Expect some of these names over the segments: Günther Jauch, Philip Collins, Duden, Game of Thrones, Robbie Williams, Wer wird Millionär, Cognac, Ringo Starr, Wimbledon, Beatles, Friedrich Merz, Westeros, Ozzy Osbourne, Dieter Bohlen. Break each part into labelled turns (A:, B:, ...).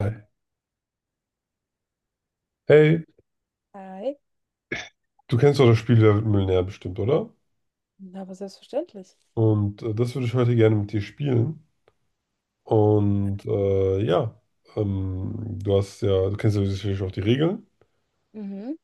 A: Hi. Hey,
B: Hi.
A: du kennst doch das Spiel Wer wird Millionär bestimmt, oder?
B: Na, aber selbstverständlich.
A: Das würde ich heute gerne mit dir spielen. Und äh, ja, Du kennst ja sicherlich auch die Regeln.
B: Mhm.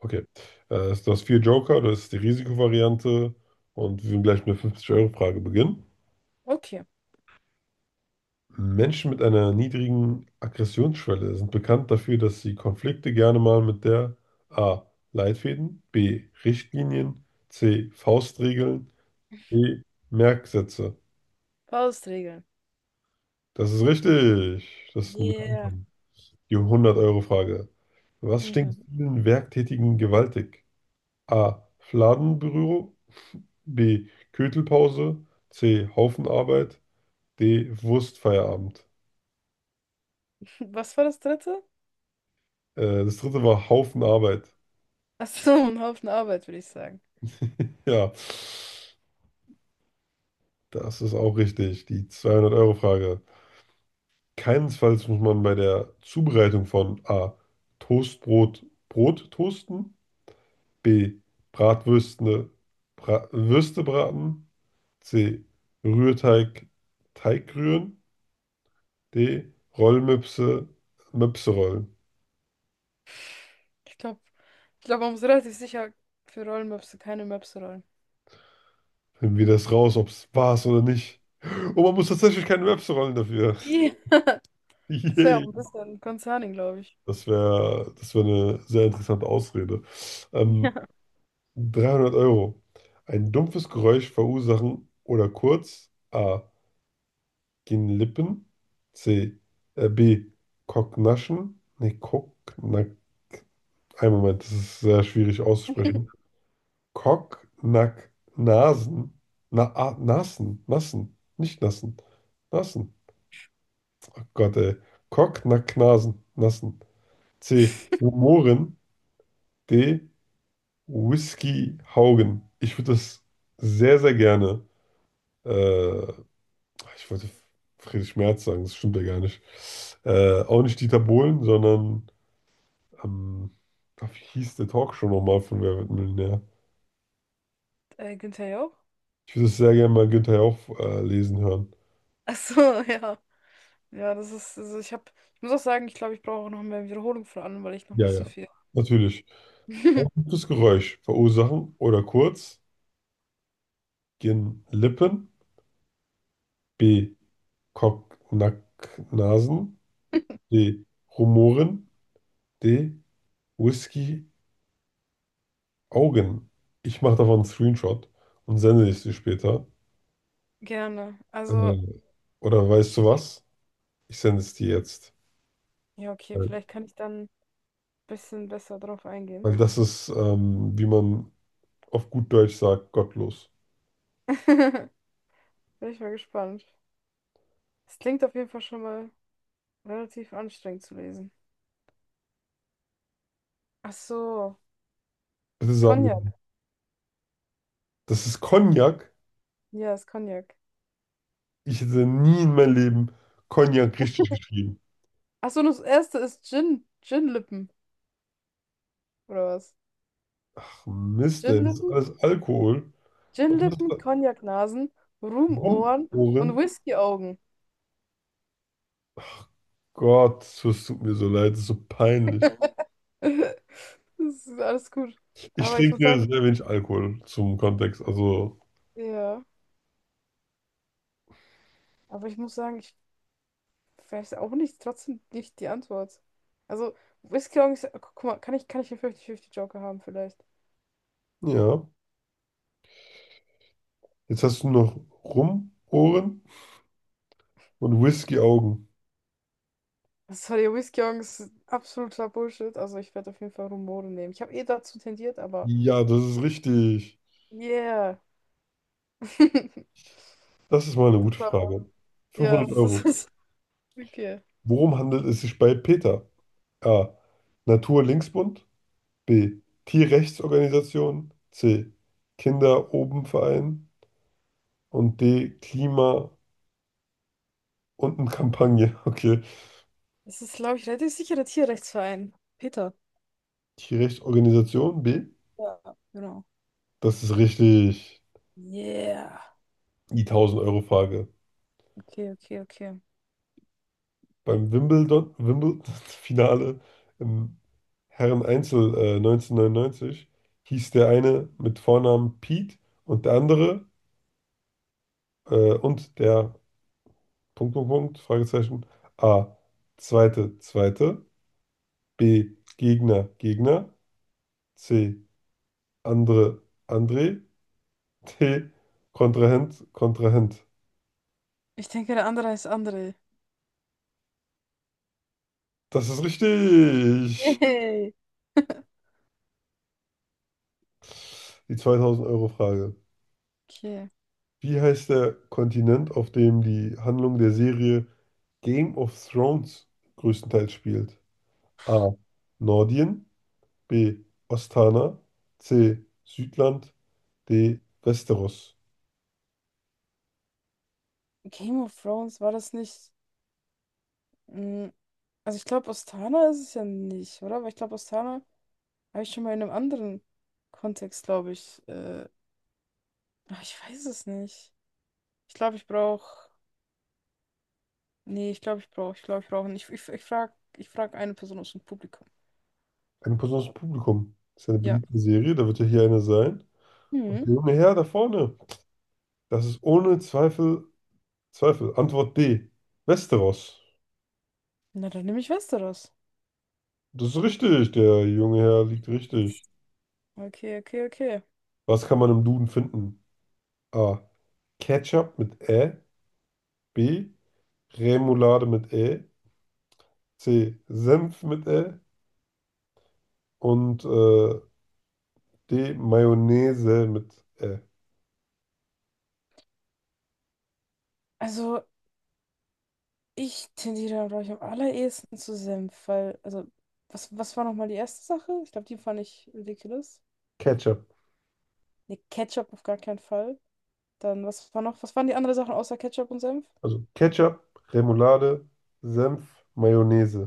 A: Okay. Du hast vier Joker, das ist die Risikovariante. Und wir werden gleich mit der 50-Euro-Frage beginnen.
B: Okay.
A: Menschen mit einer niedrigen Aggressionsschwelle sind bekannt dafür, dass sie Konflikte gerne mal mit der A. Leitfäden, B. Richtlinien, C. Faustregeln, D. Merksätze.
B: Faustregeln.
A: Das ist richtig. Das ist ein guter
B: Yeah.
A: Anfang. Die 100-Euro-Frage. Was stinkt
B: Mhm.
A: vielen Werktätigen gewaltig? A. Fladenbüro, B. Köttelpause, C. Haufenarbeit, D. Wurstfeierabend.
B: Was war das dritte?
A: Das dritte war Haufenarbeit.
B: Ach so, ein Haufen Arbeit, würde ich sagen.
A: Ja, das ist auch richtig. Die 200-Euro-Frage. Keinesfalls muss man bei der Zubereitung von A. Toastbrot Brot toasten, B. Bratwürste, Bra Würste braten, C. Rührteig, Teig rühren, D. Rollmöpse, Möpse rollen.
B: Ich glaube, ich glaube, man muss relativ sicher für Rollmöpse keine Möpse rollen.
A: Finden wir das raus, ob es war oder nicht. Und man muss tatsächlich keine Möpse rollen dafür.
B: Yeah. Das wäre auch
A: Yay.
B: ein bisschen concerning, glaube ich.
A: Das wär eine sehr interessante Ausrede. Ähm,
B: Ja.
A: 300 Euro. Ein dumpfes Geräusch verursachen oder kurz: A. Gehen Lippen, C. B. Kocknaschen. Ein Moment, das ist sehr schwierig auszusprechen. Kock, Nack, Nasen. Nassen, Nassen, nicht Nassen. Nassen. Oh Gott, ey. Kock, Nack, Nasen, Nassen. C. Humoren, D. Whisky Haugen. Ich würde das sehr, sehr gerne. Äh, Ich wollte Friedrich Merz sagen, das stimmt ja gar nicht. Auch nicht Dieter Bohlen, sondern. Ähm, Ach, wie hieß der Talkshow nochmal von Wer wird Millionär?
B: Günther Jauch?
A: Ich würde es sehr gerne mal Günther Jauch lesen hören.
B: Ach so, ja. Ja, das ist, also ich habe, ich muss auch sagen, ich glaube, ich brauche auch noch mehr Wiederholung von allem, weil ich noch
A: Ja,
B: nicht so
A: ja.
B: viel.
A: Natürlich. Ein gutes Geräusch verursachen oder kurz: Gehen Lippen, B. Kocknacknasen, D. Rumoren, D. Whisky Augen. Ich mache davon einen Screenshot und sende es dir später.
B: Gerne.
A: Äh,
B: Also,
A: oder weißt du was? Ich sende es dir jetzt.
B: ja, okay,
A: Äh,
B: vielleicht kann ich dann bisschen besser drauf eingehen.
A: Weil das ist, wie man auf gut Deutsch sagt, gottlos.
B: Bin ich mal gespannt. Es klingt auf jeden Fall schon mal relativ anstrengend zu lesen. Ach so,
A: Bitte sag mir,
B: Cognac.
A: das ist Cognac.
B: Ja, ist Cognac.
A: Ich hätte nie in meinem Leben Cognac richtig geschrieben.
B: Ach so, und das erste ist Gin. Gin-Lippen, oder was?
A: Ach, Mist, ey, das ist
B: Gin-Lippen,
A: alles Alkohol. Und was
B: Gin-Lippen,
A: da
B: Cognac-Nasen, Rumohren
A: rumporen?
B: und Whisky-Augen.
A: Gott, es tut mir so leid, das ist so peinlich.
B: Das ist alles gut.
A: Ich
B: Aber ich muss
A: trinke
B: sagen,
A: sehr wenig Alkohol zum Kontext. Also,
B: ja, aber ich muss sagen, ich weiß auch nicht, trotzdem nicht die Antwort. Also, Whisky-Augen ist, guck mal, kann ich einen 50-50-Joker haben vielleicht?
A: ja. Jetzt hast du noch Rumohren und Whisky-Augen.
B: Das Sorry, Whiskeyongs, absoluter Bullshit. Also ich werde auf jeden Fall Rumore nehmen. Ich habe eh dazu tendiert, aber
A: Ja, das ist richtig.
B: yeah.
A: Das ist mal eine
B: Das
A: gute
B: war-
A: Frage.
B: Ja,
A: 500
B: das ist
A: Euro.
B: das okay.
A: Worum handelt es sich bei Peter? A. Natur-Linksbund, B. Tierrechtsorganisation, C. Kinder oben Verein und D. Klima- und Kampagne. Okay.
B: Das ist, glaube ich, relativ sicherer Tierrechtsverein. Peter.
A: Tierrechtsorganisation B.
B: Ja. Genau.
A: Das ist richtig.
B: Yeah.
A: Die tausend Euro Frage.
B: Okay, okay, okay.
A: Beim Wimbledon-Finale im Herren-Einzel 1999 hieß der eine mit Vornamen Pete und der andere, und der Punkt, Punkt, Punkt, Fragezeichen. A. Zweite, zweite, B. Gegner, Gegner, C. Andre, André, D. Kontrahent, Kontrahent.
B: Ich denke, der andere heißt André.
A: Das ist richtig.
B: Yay.
A: Die 2000-Euro-Frage.
B: Okay.
A: Wie heißt der Kontinent, auf dem die Handlung der Serie Game of Thrones größtenteils spielt? A. Nordien, B. Ostana, C. Südland, D. Westeros.
B: Game of Thrones, war das nicht? mm, Also ich glaube, Ostana ist es ja nicht, oder? Weil ich glaube, Ostana habe ich schon mal in einem anderen Kontext, glaube ich. Ach, ich weiß es nicht. Ich glaube, ich brauche. Nee, ich glaube, ich brauche. Ich glaube, ich brauche nicht. Ich frag eine Person aus dem Publikum.
A: Eine Person aus dem Publikum. Das ist eine
B: Ja.
A: beliebte Serie, da wird ja hier eine sein.
B: Hm.
A: Und der junge Herr da vorne, das ist ohne Zweifel. Antwort D. Westeros.
B: Na, dann nehme ich Westeros.
A: Das ist richtig. Der junge Herr liegt richtig.
B: Okay, okay, okay.
A: Was kann man im Duden finden? A. Ketchup mit Ä, B. Remoulade mit Ä, C. Senf mit Ä und D. Mayonnaise mit Ä.
B: Also, ich tendiere, glaube ich, am allerehesten zu Senf, weil, also, was war nochmal die erste Sache? Ich glaube, die fand ich ridiculous.
A: Ketchup.
B: Nee, Ketchup auf gar keinen Fall. Dann, was war noch, was waren die anderen Sachen außer Ketchup und Senf?
A: Also Ketchup, Remoulade, Senf, Mayonnaise.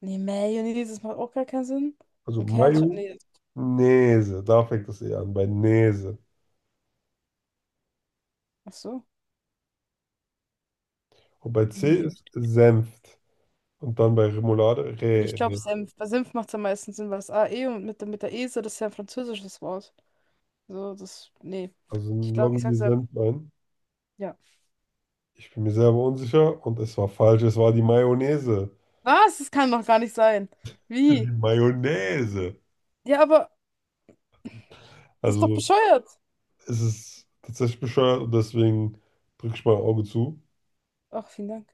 B: Nee, Mayonnaise, das macht auch gar keinen Sinn.
A: Also
B: Und Ketchup, nee.
A: Mayonnaise. Da fängt das E an, bei Näse.
B: Ach so.
A: Und bei C
B: Nee.
A: ist Senft. Und dann bei Remoulade
B: Ich glaube,
A: Rä.
B: Senf. Bei Senf macht es am meisten Sinn, weil das AE und mit, mit der Ese, das ist ja ein französisches Wort. So, das. Nee.
A: Also
B: Ich
A: ein
B: glaube, ich sag
A: Lonely
B: Senf.
A: Sandlein.
B: Ja.
A: Ich bin mir selber unsicher und es war falsch. Es war die Mayonnaise.
B: Was? Das kann doch gar nicht sein. Wie?
A: Die Mayonnaise.
B: Ja, aber das ist doch
A: Also
B: bescheuert.
A: es ist tatsächlich bescheuert und deswegen drücke ich mein Auge zu
B: Ach, vielen Dank.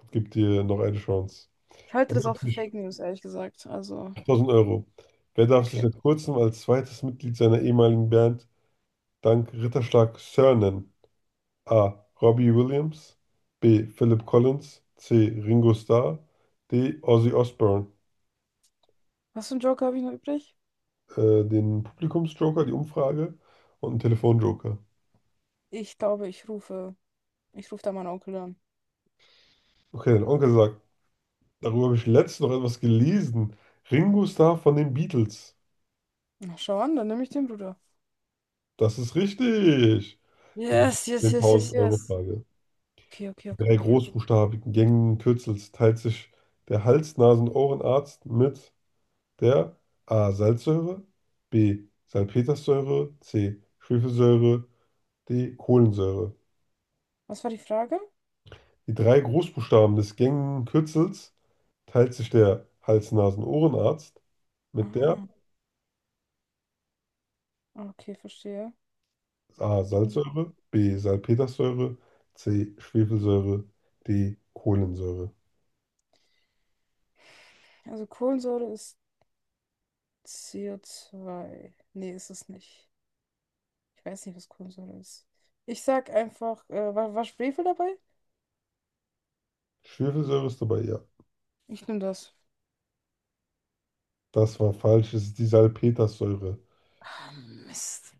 A: und gebe dir noch eine Chance.
B: Ich halte
A: Dann
B: das auch für
A: natürlich
B: Fake News, ehrlich gesagt. Also,
A: 1000 Euro. Wer darf sich
B: okay.
A: seit kurzem als zweites Mitglied seiner ehemaligen Band dank Ritterschlag Sir nennen? A. Robbie Williams, B. Philip Collins, C. Ringo Starr, D. Ozzy Osbourne.
B: Was für einen Joker habe ich noch übrig?
A: Den Publikumsjoker, die Umfrage und einen Telefonjoker.
B: Ich glaube, ich rufe. Ich rufe da meinen Onkel an.
A: Okay, dein Onkel sagt, darüber habe ich letztens noch etwas gelesen. Ringo Starr von den Beatles.
B: Na, schau an, dann nehme ich den Bruder.
A: Das ist richtig. Die
B: Yes, yes, yes, yes, yes.
A: 10.000-Euro-Frage.
B: Okay, okay,
A: In
B: okay,
A: drei
B: okay, okay.
A: großbuchstabigen Gängen Kürzels teilt sich der Hals-, Nasen- und Ohrenarzt mit der A. Salzsäure, B. Salpetersäure, C. Schwefelsäure, D. Kohlensäure.
B: Was war die Frage?
A: Die drei Großbuchstaben des gängigen Kürzels teilt sich der Hals-Nasen-Ohrenarzt mit der
B: Ah, okay, verstehe.
A: A.
B: Mhm.
A: Salzsäure, B. Salpetersäure, C. Schwefelsäure, D. Kohlensäure.
B: Also Kohlensäure ist CO2. Nee, ist es nicht. Ich weiß nicht, was Kohlensäure ist. Ich sag einfach, war Schwefel dabei?
A: Schwefelsäure ist dabei, ja.
B: Ich nehme das.
A: Das war falsch, es ist die Salpetersäure.
B: Ah, Mist.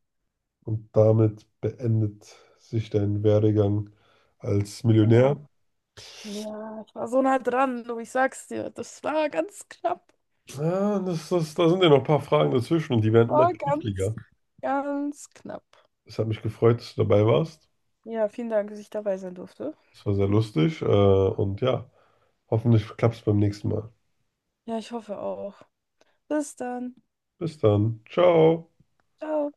A: Damit beendet sich dein Werdegang als Millionär.
B: Oh, ja, ich war so nah dran, du, ich sag's dir. Das war ganz knapp.
A: Ah, da sind ja noch ein paar Fragen dazwischen und die werden immer
B: War
A: kniffliger.
B: ganz, ganz knapp.
A: Es hat mich gefreut, dass du dabei warst.
B: Ja, vielen Dank, dass ich dabei sein durfte.
A: Es war sehr lustig und ja. Hoffentlich klappt es beim nächsten Mal.
B: Ja, ich hoffe auch. Bis dann.
A: Bis dann. Ciao.
B: Ciao.